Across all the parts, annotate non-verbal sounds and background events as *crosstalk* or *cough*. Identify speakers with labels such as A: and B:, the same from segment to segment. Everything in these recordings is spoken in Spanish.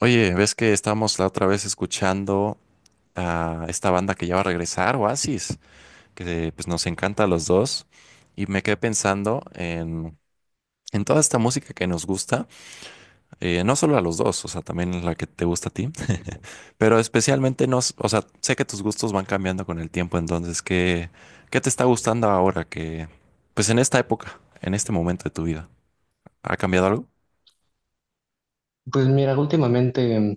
A: Oye, ¿ves que estábamos la otra vez escuchando a esta banda que ya va a regresar, Oasis, que pues nos encanta a los dos? Y me quedé pensando en toda esta música que nos gusta, no solo a los dos, o sea, también la que te gusta a ti, pero especialmente nos, o sea, sé que tus gustos van cambiando con el tiempo, entonces, ¿qué te está gustando ahora que, pues en esta época, en este momento de tu vida? ¿Ha cambiado algo?
B: Pues mira, últimamente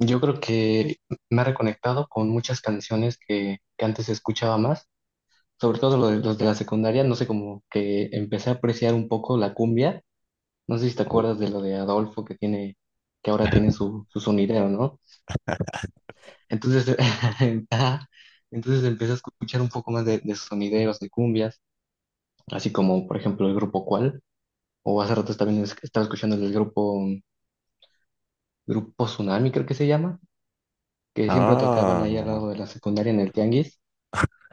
B: yo creo que me ha reconectado con muchas canciones que antes escuchaba más, sobre todo los de la secundaria, no sé, como que empecé a apreciar un poco la cumbia, no sé si te acuerdas de lo de Adolfo que tiene, que ahora tiene su sonidero, ¿no? Entonces, *laughs* ajá, entonces empecé a escuchar un poco más de sonideros, de cumbias, así como por ejemplo el grupo Cual, o hace rato también estaba escuchando el del grupo, grupo Tsunami creo que se llama que siempre tocaban ahí al
A: Ah.
B: lado de la secundaria en el tianguis.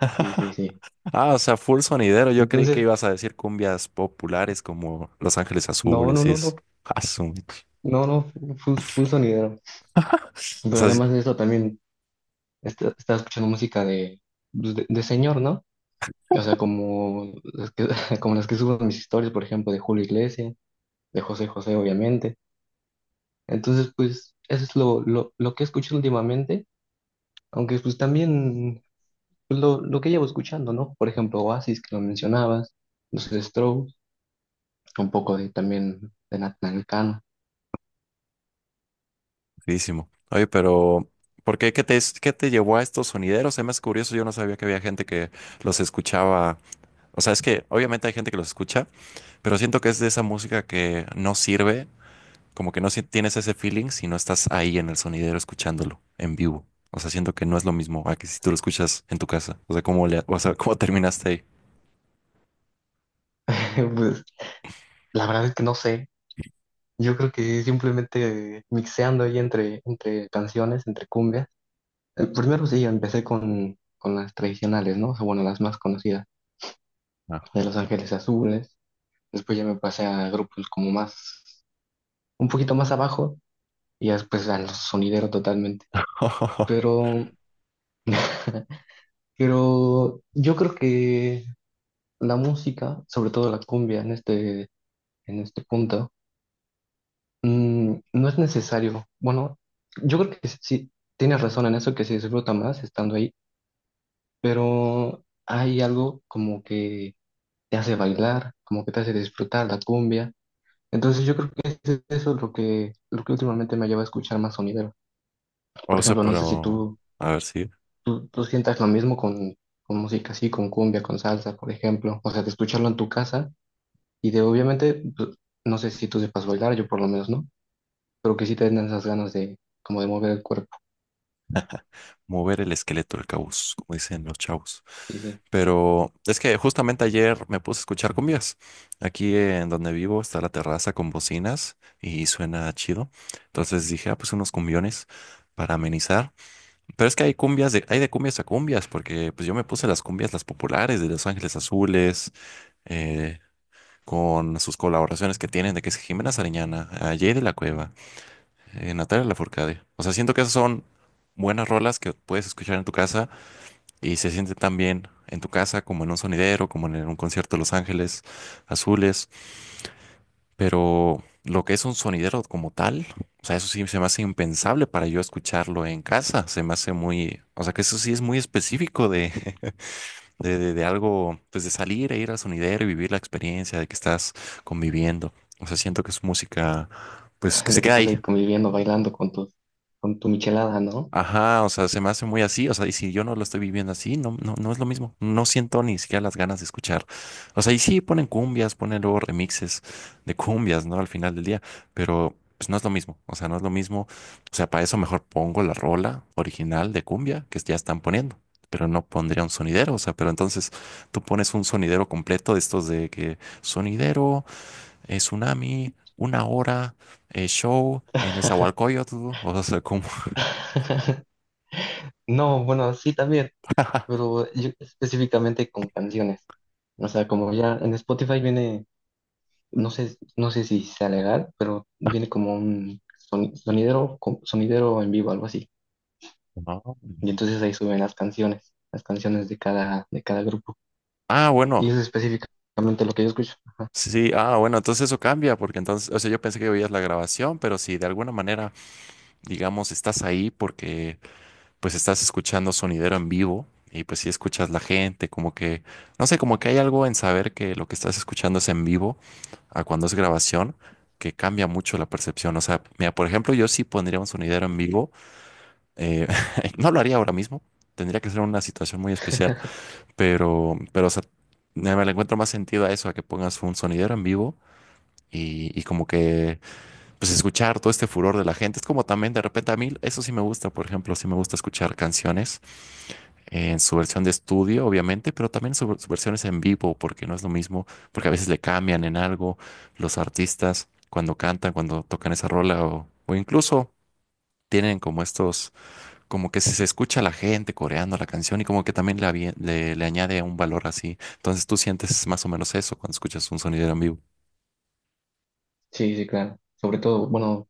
B: Sí, sí, sí.
A: Ah, o sea, full sonidero. Yo creí que
B: Entonces,
A: ibas a decir cumbias populares como Los Ángeles
B: no, no,
A: Azules y
B: no,
A: eso.
B: no,
A: Ah,
B: no, no, full, full sonidero.
A: o
B: Pero
A: sea, es
B: además de eso también estaba escuchando música de, pues, de señor, ¿no? O sea, como las que, *laughs* como las que subo en mis historias, por ejemplo, de Julio Iglesias, de José José, obviamente. Entonces, pues, eso es lo que he escuchado últimamente, aunque pues también pues, lo que llevo escuchando, ¿no? Por ejemplo, Oasis, que lo mencionabas, los Strokes. Un poco de también de Natnalcano.
A: buenísimo. Oye, pero ¿por qué? ¿Qué te llevó a estos sonideros? Es más curioso, yo no sabía que había gente que los escuchaba. O sea, es que obviamente hay gente que los escucha, pero siento que es de esa música que no sirve, como que no tienes ese feeling si no estás ahí en el sonidero escuchándolo en vivo. O sea, siento que no es lo mismo a que si tú lo escuchas en tu casa. O sea, ¿cómo le, o sea, cómo terminaste ahí?
B: *laughs* Pues la verdad es que no sé. Yo creo que simplemente mixeando ahí entre canciones, entre cumbias. El primero sí, empecé con las tradicionales, ¿no? O sea, bueno, las más conocidas,
A: Ah.
B: de Los Ángeles Azules. Después ya me pasé a grupos como más, un poquito más abajo, y ya después a los sonideros totalmente.
A: *laughs*
B: Pero, *laughs* pero yo creo que la música, sobre todo la cumbia en este punto, no es necesario. Bueno, yo creo que sí, tienes razón en eso, que se disfruta más estando ahí, pero hay algo como que te hace bailar, como que te hace disfrutar la cumbia. Entonces yo creo que eso es lo que últimamente me lleva a escuchar más sonidero. Por
A: O sea,
B: ejemplo, no sé si
A: pero
B: tú,
A: a ver si
B: tú, tú sientas lo mismo con música así, con cumbia, con salsa, por ejemplo. O sea, de escucharlo en tu casa y de obviamente, pues, no sé si tú sepas bailar, yo por lo menos no, pero que sí te den esas ganas de como de mover el cuerpo.
A: mover el esqueleto del caos, como dicen los chavos.
B: Sí, sí,
A: Pero es que justamente ayer me puse a escuchar cumbias. Aquí en donde vivo está la terraza con bocinas y suena chido. Entonces dije, ah, pues unos cumbiones para amenizar. Pero es que hay cumbias de, hay de cumbias a cumbias, porque pues yo me puse las cumbias, las populares de Los Ángeles Azules, eh, con sus colaboraciones que tienen de que es Jimena Sariñana, a Jay de la Cueva. Natalia Lafourcade. O sea, siento que esas son buenas rolas que puedes escuchar en tu casa y se siente tan bien en tu casa como en un sonidero, como en un concierto de Los Ángeles Azules. Pero lo que es un sonidero como tal, o sea, eso sí se me hace impensable para yo escucharlo en casa. Se me hace muy, o sea, que eso sí es muy específico *laughs* de algo, pues de salir e ir al sonidero y vivir la experiencia de que estás conviviendo. O sea, siento que es música, pues
B: *laughs*
A: que se
B: de que
A: queda
B: estás
A: ahí.
B: ahí conviviendo, bailando con con tu michelada, ¿no?
A: Ajá, o sea, se me hace muy así, o sea, y si yo no lo estoy viviendo así, no, no, no es lo mismo, no siento ni siquiera las ganas de escuchar. O sea, y sí ponen cumbias, ponen luego remixes de cumbias, ¿no? Al final del día, pero pues no es lo mismo, o sea, no es lo mismo, o sea, para eso mejor pongo la rola original de cumbia que ya están poniendo, pero no pondría un sonidero, o sea, pero entonces tú pones un sonidero completo de estos de que sonidero, tsunami, una hora, show en
B: *laughs*
A: Nezahualcóyotl, o sea, como...
B: No, bueno, sí también, pero yo específicamente con canciones. O sea, como ya en Spotify viene, no sé, no sé si sea legal, pero viene como un sonidero, sonidero en vivo, algo así.
A: *laughs* No.
B: Y entonces ahí suben las canciones de de cada grupo.
A: Ah,
B: Y
A: bueno,
B: eso es específicamente lo que yo escucho. Ajá.
A: sí, ah, bueno, entonces eso cambia, porque entonces, o sea, yo pensé que oías la grabación, pero si de alguna manera, digamos, estás ahí porque pues estás escuchando sonidero en vivo y pues si escuchas la gente, como que, no sé, como que hay algo en saber que lo que estás escuchando es en vivo a cuando es grabación, que cambia mucho la percepción. O sea, mira, por ejemplo, yo sí pondría un sonidero en vivo, eh, *laughs* no lo haría ahora mismo, tendría que ser una situación muy especial, pero, o sea, me le encuentro más sentido a eso, a que pongas un sonidero en vivo y como que pues escuchar todo este furor de la gente. Es como también de repente a mí, eso sí me gusta, por ejemplo, sí me gusta escuchar canciones en su versión de estudio, obviamente, pero también sus versiones en vivo, porque no es lo mismo, porque a veces le cambian en algo los artistas cuando cantan, cuando tocan esa rola o incluso... Tienen como estos, como que si se escucha a la gente coreando la canción y como que también le añade un valor así. Entonces tú sientes más o menos eso cuando escuchas un sonidero en vivo.
B: Sí, sí, claro. Sobre todo, bueno,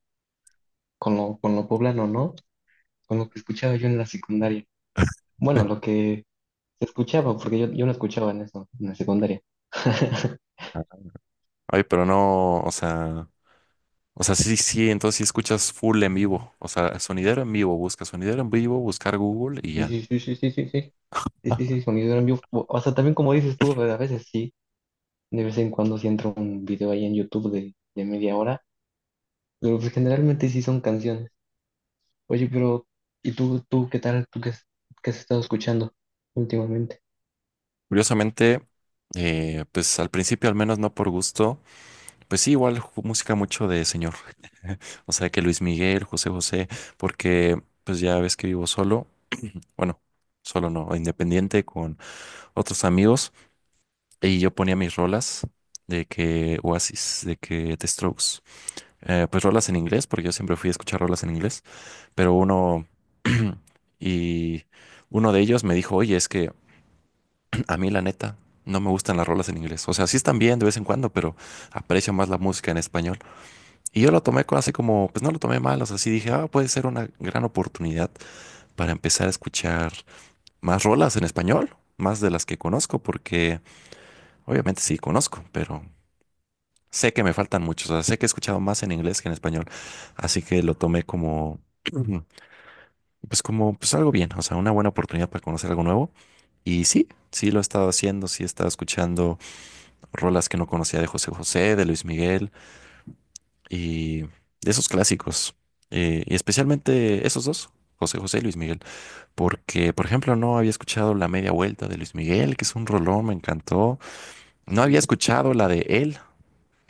B: con con lo poblano, ¿no? Con lo que escuchaba yo en la secundaria. Bueno,
A: *laughs*
B: lo que se escuchaba, porque yo no escuchaba en eso, en la secundaria. *laughs*
A: Ay, pero no, o sea, sí, sí, entonces sí escuchas full en vivo. O sea, sonidero en vivo, busca sonidero en vivo, buscar Google y
B: Sí,
A: ya.
B: sí, sí, sí, sí, sí, sí. Sí, sí, sí, sonido en vivo. O sea, también como dices tú, a veces sí, de vez en cuando sí entra un video ahí en YouTube de media hora, pero pues generalmente sí son canciones. Oye, pero, ¿y tú qué tal? ¿Tú qué, qué has estado escuchando últimamente?
A: Curiosamente, pues al principio, al menos no por gusto, pues sí, igual música mucho de señor. *laughs* O sea, que Luis Miguel, José José, porque pues ya ves que vivo solo, bueno, solo no, independiente con otros amigos y yo ponía mis rolas de que Oasis, de que The Strokes, pues rolas en inglés, porque yo siempre fui a escuchar rolas en inglés, pero uno *clears throat* y uno de ellos me dijo, oye, es que *clears throat* a mí la neta no me gustan las rolas en inglés. O sea, sí están bien de vez en cuando, pero aprecio más la música en español. Y yo lo tomé así como, pues no lo tomé mal, o sea, sí dije, ah, puede ser una gran oportunidad para empezar a escuchar más rolas en español, más de las que conozco, porque obviamente sí conozco, pero sé que me faltan muchos. O sea, sé que he escuchado más en inglés que en español. Así que lo tomé como... *clears throat* pues como, pues algo bien, o sea, una buena oportunidad para conocer algo nuevo. Y sí, sí lo he estado haciendo, sí he estado escuchando rolas que no conocía de José José, de Luis Miguel y de esos clásicos. Y especialmente esos dos, José José y Luis Miguel. Porque, por ejemplo, no había escuchado La Media Vuelta de Luis Miguel, que es un rolón, me encantó. No había
B: Sí.
A: escuchado la de Él,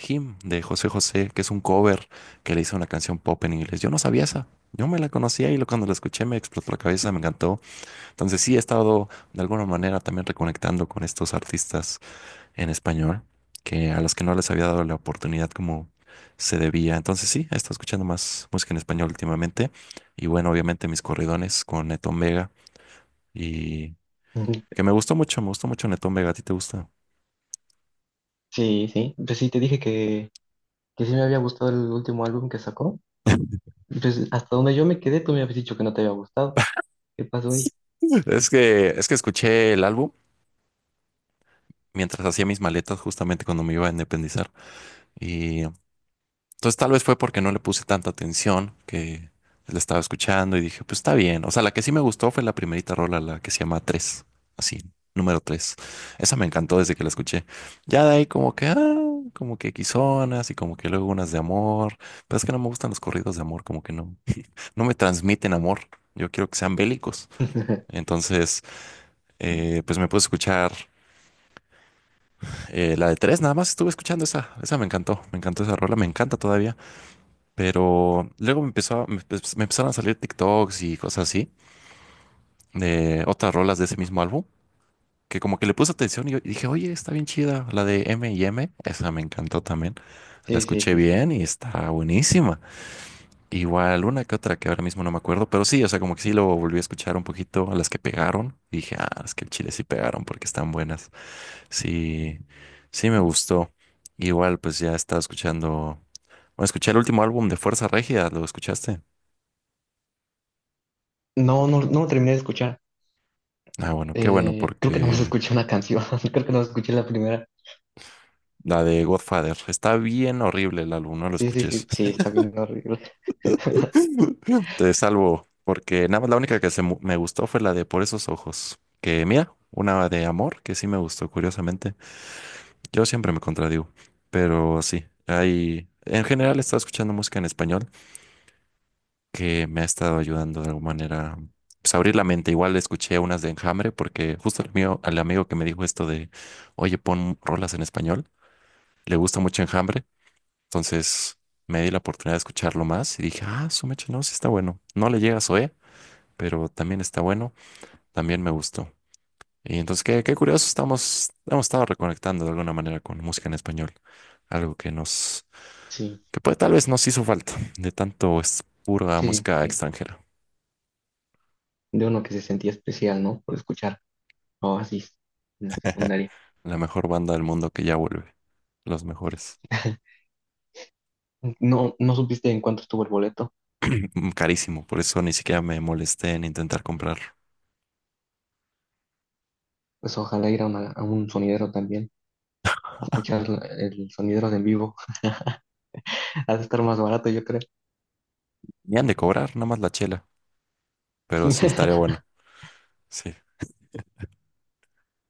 A: Him, de José José, que es un cover que le hizo una canción pop en inglés. Yo no sabía esa. Yo me la conocía y lo- cuando la escuché me explotó la cabeza, me encantó. Entonces sí he estado de alguna manera también reconectando con estos artistas en español, que a los que no les había dado la oportunidad como se debía. Entonces sí, he estado escuchando más música en español últimamente. Y bueno, obviamente mis corridones con Netón Vega y
B: Ujú.
A: que me gustó mucho Netón Vega. ¿A ti te gusta?
B: Sí, sí. Pues sí, te dije que sí me había gustado el último álbum que sacó.
A: *laughs*
B: Pues hasta donde yo me quedé, tú me habías dicho que no te había gustado. ¿Qué pasó ahí?
A: Es que escuché el álbum mientras hacía mis maletas justamente cuando me iba a independizar. Y entonces tal vez fue porque no le puse tanta atención que la estaba escuchando y dije, pues está bien. O sea, la que sí me gustó fue la primerita rola, la que se llama 3 así, número tres. Esa me encantó desde que la escuché. Ya de ahí como que, ah, como que quizonas y como que luego unas de amor. Pero es que no me gustan los corridos de amor, como que no, no me transmiten amor. Yo quiero que sean bélicos.
B: *laughs*
A: Entonces, pues me puse a escuchar la de tres, nada más estuve escuchando esa, esa me encantó esa rola, me encanta todavía. Pero luego me empezó, me empezaron a salir TikToks y cosas así de otras rolas de ese mismo álbum, que como que le puse atención y dije, oye, está bien chida, la de M y M, esa me encantó también. La
B: Sí, sí,
A: escuché
B: sí, sí.
A: bien y está buenísima. Igual una que otra que ahora mismo no me acuerdo, pero sí, o sea, como que sí lo volví a escuchar un poquito a las que pegaron. Y dije, ah, es que el chile sí pegaron porque están buenas. Sí, sí me gustó. Igual, pues ya estaba escuchando. Bueno, escuché el último álbum de Fuerza Regida, ¿lo escuchaste?
B: No, no lo terminé de escuchar.
A: Ah, bueno, qué bueno,
B: Creo que nomás *laughs*
A: porque
B: escuché una canción. *laughs* Creo que no escuché la primera.
A: la de Godfather está bien horrible el álbum, no lo
B: Sí, sí,
A: escuches.
B: sí, sí,
A: *laughs*
B: está bien horrible.
A: Te salvo, porque nada más la única que me gustó fue la de Por esos ojos. Que mira, una de amor que sí me gustó, curiosamente. Yo siempre me contradigo, pero sí, hay. En general he estado escuchando música en español que me ha estado ayudando de alguna manera. Pues abrir la mente, igual escuché unas de Enjambre porque justo el mío, al amigo que me dijo esto de, oye, pon rolas en español, le gusta mucho Enjambre. Entonces me di la oportunidad de escucharlo más y dije, ah, su mecha, no, sí está bueno. No le llega a Zoé, pero también está bueno, también me gustó. Y entonces, qué, curioso, hemos estado reconectando de alguna manera con música en español, algo que nos,
B: Sí,
A: que puede, tal vez nos hizo falta, de tanto es pura
B: sí,
A: música
B: sí.
A: extranjera,
B: De uno que se sentía especial, ¿no? Por escuchar Oasis en la secundaria.
A: la mejor banda del mundo que ya vuelve, los mejores.
B: *laughs* No, no supiste en cuánto estuvo el boleto.
A: *clears throat* Carísimo, por eso ni siquiera me molesté en intentar comprarlo.
B: Pues ojalá ir a, a un sonidero también. A escuchar el sonidero de en vivo. *laughs* Ha de estar más barato, yo creo.
A: Ni han de cobrar, nada más la chela, pero sí estaría
B: *laughs*
A: bueno. Sí.